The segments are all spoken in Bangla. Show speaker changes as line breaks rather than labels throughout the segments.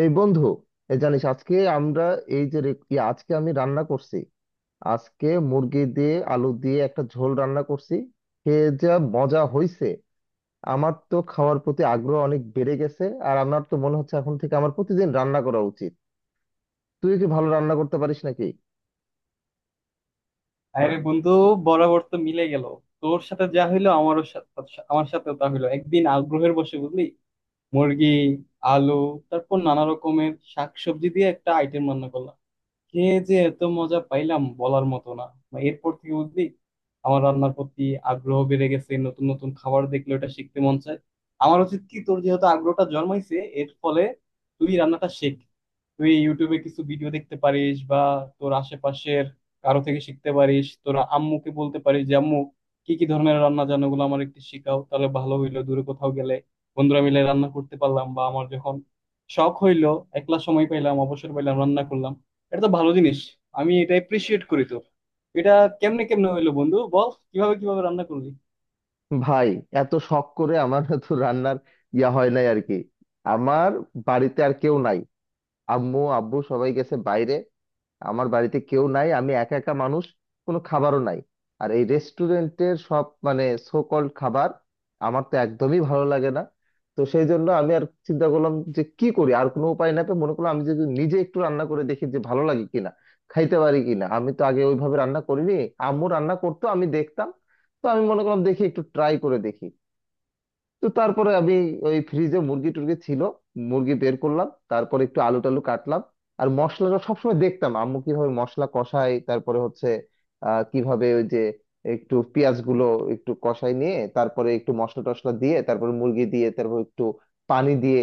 এই বন্ধু, এই জানিস আজকে আমরা, এই যে রে- ই আজকে আমি রান্না করছি। আজকে মুরগি দিয়ে আলু দিয়ে একটা ঝোল রান্না করছি। খেয়ে যা মজা হয়েছে! আমার তো খাওয়ার প্রতি আগ্রহ অনেক বেড়ে গেছে, আর আমার তো মনে হচ্ছে এখন থেকে আমার প্রতিদিন রান্না করা উচিত। তুই কি ভালো রান্না করতে পারিস নাকি?
আরে বন্ধু, বরাবর তো মিলে গেল। তোর সাথে যা হইলো আমার সাথেও তা হইলো। একদিন আগ্রহের বসে, বুঝলি, মুরগি, আলু, তারপর নানা রকমের শাকসবজি দিয়ে একটা আইটেম রান্না করলাম। কে যে এত মজা পাইলাম, বলার মতো না। মানে এরপর থেকে, বুঝলি, আমার রান্নার প্রতি আগ্রহ বেড়ে গেছে। নতুন নতুন খাবার দেখলে ওটা শিখতে মন চায়। আমার উচিত কি, তোর যেহেতু আগ্রহটা জন্মাইছে, এর ফলে তুই রান্নাটা শেখ। তুই ইউটিউবে কিছু ভিডিও দেখতে পারিস, বা তোর আশেপাশের কারো থেকে শিখতে পারিস। তোর আম্মুকে বলতে পারিস যে আম্মু, কি কি ধরনের রান্না জানো গুলো আমার একটু শিখাও। তাহলে ভালো হইলো, দূরে কোথাও গেলে বন্ধুরা মিলে রান্না করতে পারলাম, বা আমার যখন শখ হইলো, একলা সময় পাইলাম, অবসর পাইলাম, রান্না করলাম। এটা তো ভালো জিনিস, আমি এটা এপ্রিসিয়েট করি তো। এটা কেমনে কেমনে হইলো বন্ধু, বল কিভাবে কিভাবে রান্না করলি।
ভাই, এত শখ করে আমার তো রান্নার ইয়া হয় নাই আর কি। আমার বাড়িতে আর কেউ নাই, আম্মু আব্বু সবাই গেছে বাইরে। আমার বাড়িতে কেউ নাই, আমি একা একা মানুষ, কোনো খাবারও নাই। আর এই রেস্টুরেন্টের সব মানে সো কল্ড খাবার আমার তো একদমই ভালো লাগে না। তো সেই জন্য আমি আর চিন্তা করলাম যে কি করি, আর কোনো উপায় না, তো মনে করলাম আমি যদি নিজে একটু রান্না করে দেখি যে ভালো লাগে কিনা, খাইতে পারি কিনা। আমি তো আগে ওইভাবে রান্না করিনি, আম্মু রান্না করতো আমি দেখতাম। তো আমি মনে করলাম দেখি একটু ট্রাই করে দেখি। তো তারপরে আমি ওই ফ্রিজে মুরগি টুরগি ছিল, মুরগি বের করলাম, তারপর একটু আলু টালু কাটলাম। আর মশলাটা সবসময় দেখতাম আম্মু কিভাবে মশলা কষায়, তারপরে হচ্ছে কিভাবে ওই যে একটু পেঁয়াজ গুলো একটু কষাই নিয়ে তারপরে একটু মশলা টশলা দিয়ে তারপরে মুরগি দিয়ে তারপর একটু পানি দিয়ে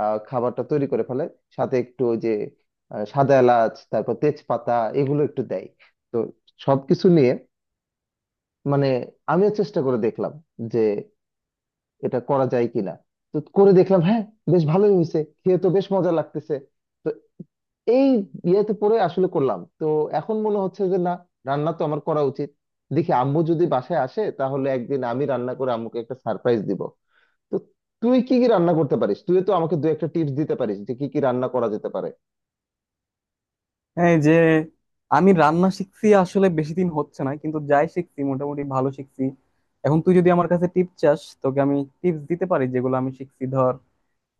খাবারটা তৈরি করে ফেলে। সাথে একটু ওই যে সাদা এলাচ তারপর তেজপাতা, এগুলো একটু দেয়। তো সবকিছু নিয়ে, মানে আমিও চেষ্টা করে দেখলাম যে এটা করা যায় কিনা। তো করে দেখলাম, হ্যাঁ, বেশ ভালোই হয়েছে, খেয়ে তো বেশ মজা লাগতেছে। তো এই ইয়েতে পরে আসলে করলাম তো, এখন মনে হচ্ছে যে না, রান্না তো আমার করা উচিত। দেখি আম্মু যদি বাসায় আসে তাহলে একদিন আমি রান্না করে আম্মুকে একটা সারপ্রাইজ দিব। তো তুই কি কি রান্না করতে পারিস? তুই তো আমাকে দু একটা টিপস দিতে পারিস যে কি কি রান্না করা যেতে পারে।
হ্যাঁ, এই যে, আমি রান্না শিখছি আসলে বেশি দিন হচ্ছে না, কিন্তু যাই শিখছি মোটামুটি ভালো শিখছি। এখন তুই যদি আমার কাছে টিপ চাস, তোকে আমি টিপস দিতে পারি যেগুলো আমি শিখছি। ধর,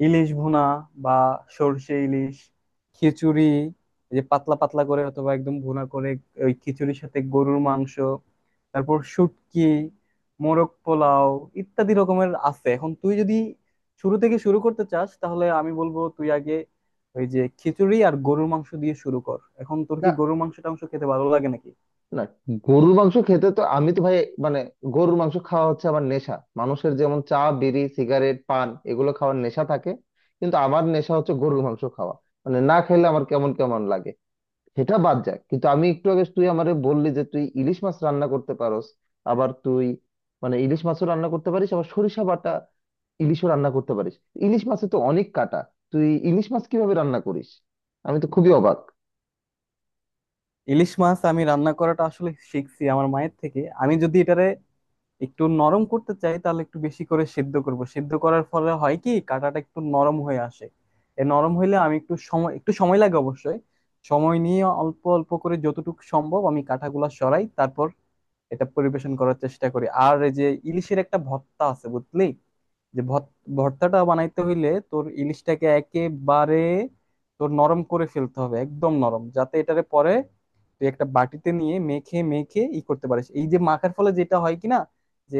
ইলিশ ভুনা, বা সর্ষে ইলিশ, খিচুড়ি, এই যে পাতলা পাতলা করে অথবা একদম ভুনা করে, ওই খিচুড়ির সাথে গরুর মাংস, তারপর শুটকি, মোরগ পোলাও, ইত্যাদি রকমের আছে। এখন তুই যদি শুরু থেকে শুরু করতে চাস, তাহলে আমি বলবো তুই আগে ওই যে খিচুড়ি আর গরুর মাংস দিয়ে শুরু কর। এখন তোর কি গরুর মাংস টাংস খেতে ভালো লাগে নাকি?
না, গরুর মাংস খেতে তো আমি তো ভাই মানে গরুর মাংস খাওয়া হচ্ছে আমার নেশা। মানুষের যেমন চা বিড়ি সিগারেট পান এগুলো খাওয়ার নেশা থাকে, কিন্তু আমার নেশা হচ্ছে গরুর মাংস খাওয়া। মানে না খেলে আমার কেমন কেমন লাগে। সেটা বাদ যায়, কিন্তু আমি একটু আগে তুই আমারে বললি যে তুই ইলিশ মাছ রান্না করতে পারোস। আবার তুই মানে ইলিশ মাছও রান্না করতে পারিস আবার সরিষা বাটা ইলিশও রান্না করতে পারিস। ইলিশ মাছে তো অনেক কাটা, তুই ইলিশ মাছ কিভাবে রান্না করিস? আমি তো খুবই অবাক।
ইলিশ মাছ আমি রান্না করাটা আসলে শিখছি আমার মায়ের থেকে। আমি যদি এটারে একটু নরম করতে চাই, তাহলে একটু বেশি করে সিদ্ধ করব। সিদ্ধ করার ফলে হয় কি, কাঁটাটা একটু নরম হয়ে আসে। এ নরম হইলে আমি একটু সময় লাগে অবশ্যই। সময় নিয়ে অল্প অল্প করে যতটুকু সম্ভব আমি কাঁটাগুলা সরাই, তারপর এটা পরিবেশন করার চেষ্টা করি। আর এই যে ইলিশের একটা ভর্তা আছে, বুঝলি, যে ভত- ভর্তাটা বানাইতে হইলে তোর ইলিশটাকে একেবারে তোর নরম করে ফেলতে হবে, একদম নরম, যাতে এটারে পরে তুই একটা বাটিতে নিয়ে মেখে মেখে ই করতে পারিস। এই যে মাখার ফলে যেটা হয় কি না যে,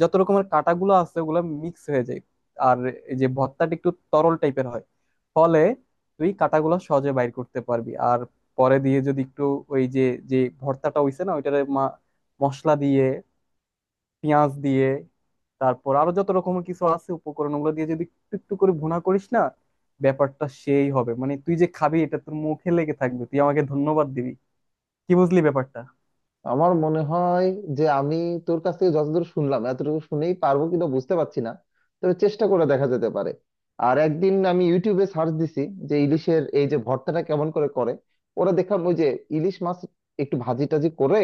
যত রকমের কাঁটাগুলো আছে ওগুলো মিক্স হয়ে যায়। আর এই যে ভর্তাটা একটু তরল টাইপের হয়, ফলে তুই কাঁটাগুলো সহজে বাইর করতে পারবি। আর পরে দিয়ে যদি একটু ওই যে, যে ভর্তাটা হইছে না, মশলা দিয়ে, পেঁয়াজ দিয়ে, তারপর আরো যত রকমের কিছু আছে উপকরণ, ওগুলো দিয়ে যদি একটু একটু করে ভুনা করিস না, ব্যাপারটা সেই হবে। মানে তুই যে খাবি, এটা তোর মুখে লেগে থাকবে, তুই আমাকে ধন্যবাদ দিবি। কি বুঝলি ব্যাপারটা?
আমার মনে হয় যে আমি তোর কাছ থেকে যতদূর শুনলাম এতটুকু শুনেই পারবো কিনা বুঝতে পারছি না, তবে চেষ্টা করে দেখা যেতে পারে। আর একদিন আমি ইউটিউবে সার্চ দিছি যে ইলিশের এই যে ভর্তাটা কেমন করে করে। ওরা দেখলাম ওই যে ইলিশ মাছ একটু ভাজি টাজি করে,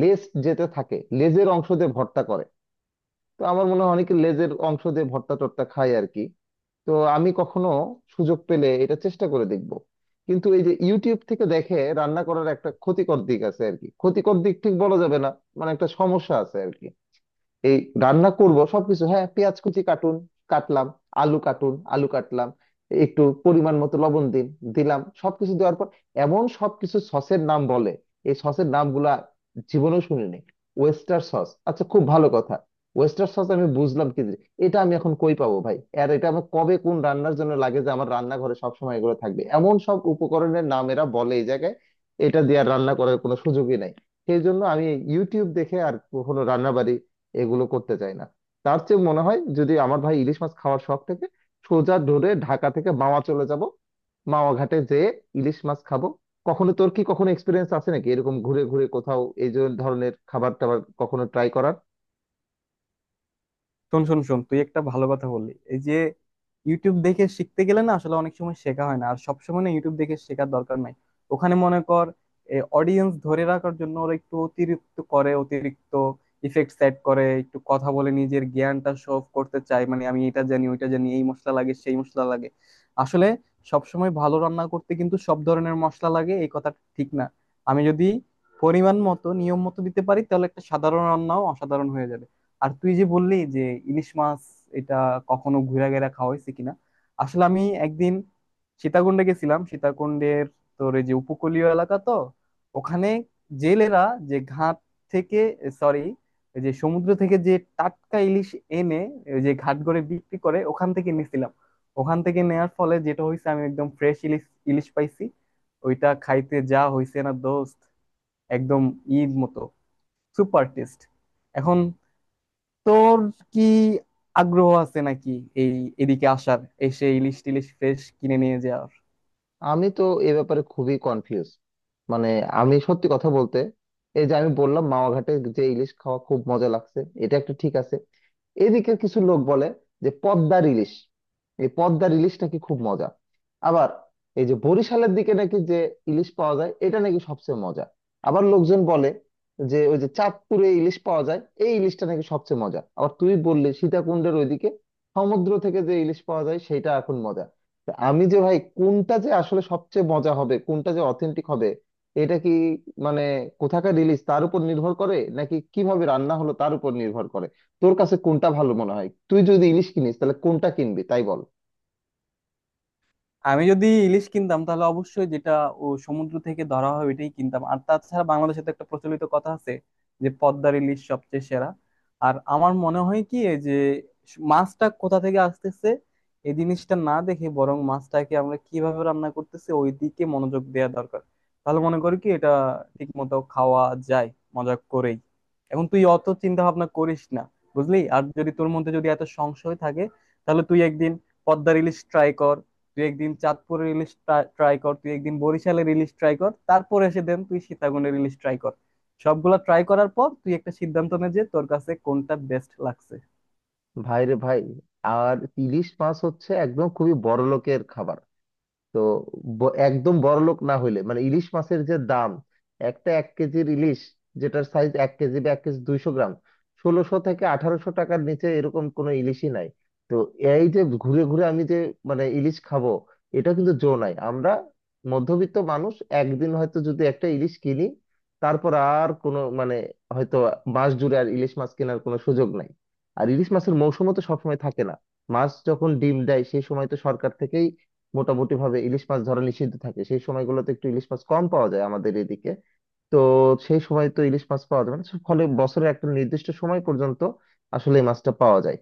লেজ যেতে থাকে, লেজের অংশ দিয়ে ভর্তা করে। তো আমার মনে হয় অনেকে লেজের অংশ দিয়ে ভর্তা টর্তা খায় আর কি। তো আমি কখনো সুযোগ পেলে এটা চেষ্টা করে দেখব। কিন্তু এই যে ইউটিউব থেকে দেখে রান্না করার একটা ক্ষতিকর দিক আছে আর কি, ক্ষতিকর দিক ঠিক বলা যাবে না, মানে একটা সমস্যা আছে আর কি। এই রান্না করব সবকিছু, হ্যাঁ পেঁয়াজ কুচি কাটুন, কাটলাম। আলু কাটুন, আলু কাটলাম। একটু পরিমাণ মতো লবণ দিন, দিলাম। সবকিছু দেওয়ার পর এমন সবকিছু সসের নাম বলে, এই সসের নামগুলা জীবনেও শুনিনি। ওয়েস্টার সস, আচ্ছা খুব ভালো কথা, ওয়েস্টার সস আমি বুঝলাম কি জিনিস। এটা আমি এখন কই পাবো ভাই? আর এটা আমার কবে কোন রান্নার জন্য লাগে যে আমার রান্নাঘরে সবসময় এগুলো থাকবে? এমন সব উপকরণের নাম এরা বলে এই জায়গায়, এটা দিয়ে আর রান্না করার কোনো সুযোগই নাই। সেই জন্য আমি ইউটিউব দেখে আর কখনো রান্না এগুলো করতে চাই না। তার চেয়ে মনে হয় যদি আমার ভাই ইলিশ মাছ খাওয়ার শখ থেকে, সোজা ধরে ঢাকা থেকে মাওয়া চলে যাব। মাওয়া ঘাটে যেয়ে ইলিশ মাছ খাবো। কখনো তোর কি কখনো এক্সপিরিয়েন্স আছে নাকি এরকম ঘুরে ঘুরে কোথাও এই যে ধরনের খাবার টাবার কখনো ট্রাই করার?
শোন শোন শোন তুই একটা ভালো কথা বললি। এই যে ইউটিউব দেখে শিখতে গেলে না, আসলে অনেক সময় শেখা হয় না। আর সবসময় না ইউটিউব দেখে শেখার দরকার নাই। ওখানে মনে কর, অডিয়েন্স ধরে রাখার জন্য ওরা একটু অতিরিক্ত করে, অতিরিক্ত ইফেক্ট সেট করে, একটু কথা বলে নিজের জ্ঞানটা শো অফ করতে চায়। মানে আমি এটা জানি, ওইটা জানি, এই মশলা লাগে, সেই মশলা লাগে। আসলে সবসময় ভালো রান্না করতে কিন্তু সব ধরনের মশলা লাগে, এই কথাটা ঠিক না। আমি যদি পরিমাণ মতো নিয়ম মতো দিতে পারি, তাহলে একটা সাধারণ রান্নাও অসাধারণ হয়ে যাবে। আর তুই যে বললি যে ইলিশ মাছ, এটা কখনো ঘুরা ঘেরা খাওয়া হয়েছে কিনা। আসলে আমি একদিন সীতাকুণ্ডে গেছিলাম। সীতাকুণ্ডের তোর এই যে উপকূলীয় এলাকা তো, ওখানে জেলেরা যে ঘাট থেকে, সরি, যে সমুদ্র থেকে যে টাটকা ইলিশ এনে ওই যে ঘাট করে বিক্রি করে, ওখান থেকে নিছিলাম। ওখান থেকে নেয়ার ফলে যেটা হয়েছে, আমি একদম ফ্রেশ ইলিশ ইলিশ পাইছি। ওইটা খাইতে যা হয়েছে না দোস্ত, একদম ঈদ মতো সুপার টেস্ট। এখন তোর কি আগ্রহ আছে নাকি এই এদিকে আসার, এসে ইলিশ টিলিশ ফ্রেশ কিনে নিয়ে যাওয়ার?
আমি তো এ ব্যাপারে খুবই কনফিউজ। মানে আমি সত্যি কথা বলতে, এই যে আমি বললাম মাওয়া ঘাটে যে ইলিশ খাওয়া খুব মজা লাগছে, এটা একটা ঠিক আছে। এদিকে কিছু লোক বলে যে পদ্মার ইলিশ, এই পদ্মার ইলিশ নাকি খুব মজা। আবার এই যে বরিশালের দিকে নাকি যে ইলিশ পাওয়া যায় এটা নাকি সবচেয়ে মজা। আবার লোকজন বলে যে ওই যে চাঁদপুরে ইলিশ পাওয়া যায়, এই ইলিশটা নাকি সবচেয়ে মজা। আবার তুই বললি সীতাকুণ্ডের ওইদিকে সমুদ্র থেকে যে ইলিশ পাওয়া যায় সেটা এখন মজা। তা আমি যে ভাই কোনটা যে আসলে সবচেয়ে মজা হবে, কোনটা যে অথেন্টিক হবে, এটা কি মানে কোথাকার ইলিশ তার উপর নির্ভর করে, নাকি কিভাবে রান্না হলো তার উপর নির্ভর করে? তোর কাছে কোনটা ভালো মনে হয়? তুই যদি ইলিশ কিনিস তাহলে কোনটা কিনবি তাই বল।
আমি যদি ইলিশ কিনতাম, তাহলে অবশ্যই যেটা ও সমুদ্র থেকে ধরা হয় ওইটাই কিনতাম। আর তাছাড়া বাংলাদেশে তো একটা প্রচলিত কথা আছে যে পদ্মার ইলিশ সবচেয়ে সেরা। আর আমার মনে হয় কি, এই যে মাছটা কোথা থেকে আসতেছে এই জিনিসটা না দেখে, বরং মাছটাকে আমরা কিভাবে রান্না করতেছি ওই দিকে মনোযোগ দেওয়া দরকার। তাহলে মনে করি কি, এটা ঠিক মতো খাওয়া যায় মজা করেই। এখন তুই অত চিন্তা ভাবনা করিস না, বুঝলি। আর যদি তোর মধ্যে যদি এত সংশয় থাকে, তাহলে তুই একদিন পদ্মার ইলিশ ট্রাই কর, তুই একদিন চাঁদপুরের ইলিশ ট্রাই কর, তুই একদিন বরিশালের ইলিশ ট্রাই কর, তারপরে এসে দেন তুই সীতাকুণ্ডের ইলিশ ট্রাই কর। সবগুলা ট্রাই করার পর তুই একটা সিদ্ধান্ত নে যে তোর কাছে কোনটা বেস্ট লাগছে।
ভাই রে ভাই, আর ইলিশ মাছ হচ্ছে একদম খুবই বড় লোকের খাবার। তো একদম বড়লোক না হইলে মানে ইলিশ মাছের যে দাম, একটা 1 কেজির ইলিশ, যেটার সাইজ 1 কেজি বা 1 কেজি 200 গ্রাম, 1600 থেকে 1800 টাকার নিচে এরকম কোনো ইলিশই নাই। তো এই যে ঘুরে ঘুরে আমি যে মানে ইলিশ খাবো এটা কিন্তু জো নাই। আমরা মধ্যবিত্ত মানুষ, একদিন হয়তো যদি একটা ইলিশ কিনি, তারপর আর কোনো মানে হয়তো মাস জুড়ে আর ইলিশ মাছ কেনার কোনো সুযোগ নাই। আর ইলিশ মাছের মৌসুমও তো সবসময় থাকে না। মাছ যখন ডিম দেয় সেই সময় তো সরকার থেকেই মোটামুটি ভাবে ইলিশ মাছ ধরা নিষিদ্ধ থাকে, সেই সময়গুলোতে একটু ইলিশ মাছ কম পাওয়া যায় আমাদের এদিকে। তো সেই সময় তো ইলিশ মাছ পাওয়া যাবে না, ফলে বছরের একটা নির্দিষ্ট সময় পর্যন্ত আসলে এই মাছটা পাওয়া যায়।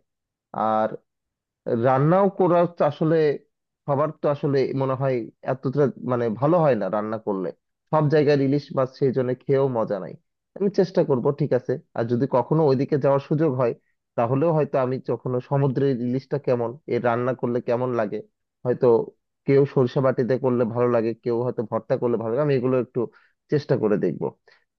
আর রান্নাও করা তো আসলে সবার তো আসলে মনে হয় এতটা মানে ভালো হয় না রান্না করলে, সব জায়গায় ইলিশ মাছ সেই জন্য খেয়েও মজা নাই। আমি চেষ্টা করব, ঠিক আছে, আর যদি কখনো ওইদিকে যাওয়ার সুযোগ হয় তাহলেও হয়তো আমি কখনো সমুদ্রের ইলিশটা কেমন, এর রান্না করলে কেমন লাগে। হয়তো কেউ সরিষা বাটিতে করলে ভালো লাগে, কেউ হয়তো ভর্তা করলে ভালো লাগে, আমি এগুলো একটু চেষ্টা করে দেখব।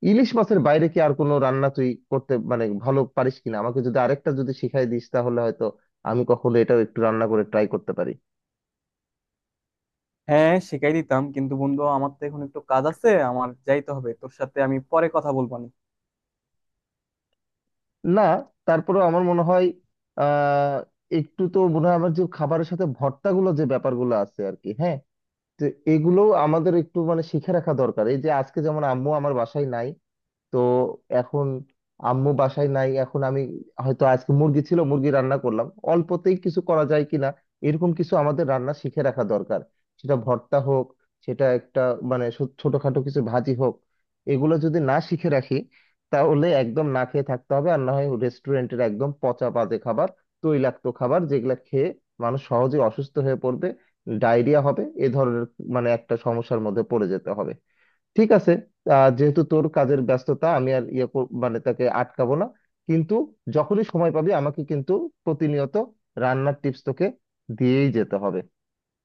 ইলিশ মাছের বাইরে কি আর কোনো রান্না তুই করতে মানে ভালো পারিস কিনা, আমাকে যদি আরেকটা যদি শিখাই দিস তাহলে হয়তো আমি কখনো এটাও একটু রান্না করে ট্রাই করতে পারি।
হ্যাঁ, শিখাই দিতাম, কিন্তু বন্ধু আমার তো এখন একটু কাজ আছে, আমার যাইতে হবে। তোর সাথে আমি পরে কথা বলবো নি।
না, তারপরেও আমার মনে হয় আহ একটু তো মনে হয় আমার যে খাবারের সাথে ভর্তাগুলো যে ব্যাপারগুলো আছে আর কি, হ্যাঁ। তো এগুলো আমাদের একটু মানে শিখে রাখা দরকার। এই যে আজকে যেমন আম্মু আমার বাসায় নাই, তো এখন আম্মু বাসায় নাই, এখন আমি হয়তো আজকে মুরগি ছিল মুরগি রান্না করলাম, অল্পতেই কিছু করা যায় কিনা। এরকম কিছু আমাদের রান্না শিখে রাখা দরকার, সেটা ভর্তা হোক, সেটা একটা মানে ছোটখাটো কিছু ভাজি হোক। এগুলো যদি না শিখে রাখি তাহলে একদম না খেয়ে থাকতে হবে, আর না হয় রেস্টুরেন্টের একদম পচা বাজে খাবার, তৈলাক্ত খাবার যেগুলো খেয়ে মানুষ সহজে অসুস্থ হয়ে পড়বে, ডায়রিয়া হবে, এ ধরনের মানে একটা সমস্যার মধ্যে পড়ে যেতে হবে। ঠিক আছে, যেহেতু তোর কাজের ব্যস্ততা আমি আর ইয়ে মানে তাকে আটকাবো না। কিন্তু যখনই সময় পাবি আমাকে কিন্তু প্রতিনিয়ত রান্নার টিপস তোকে দিয়েই যেতে হবে।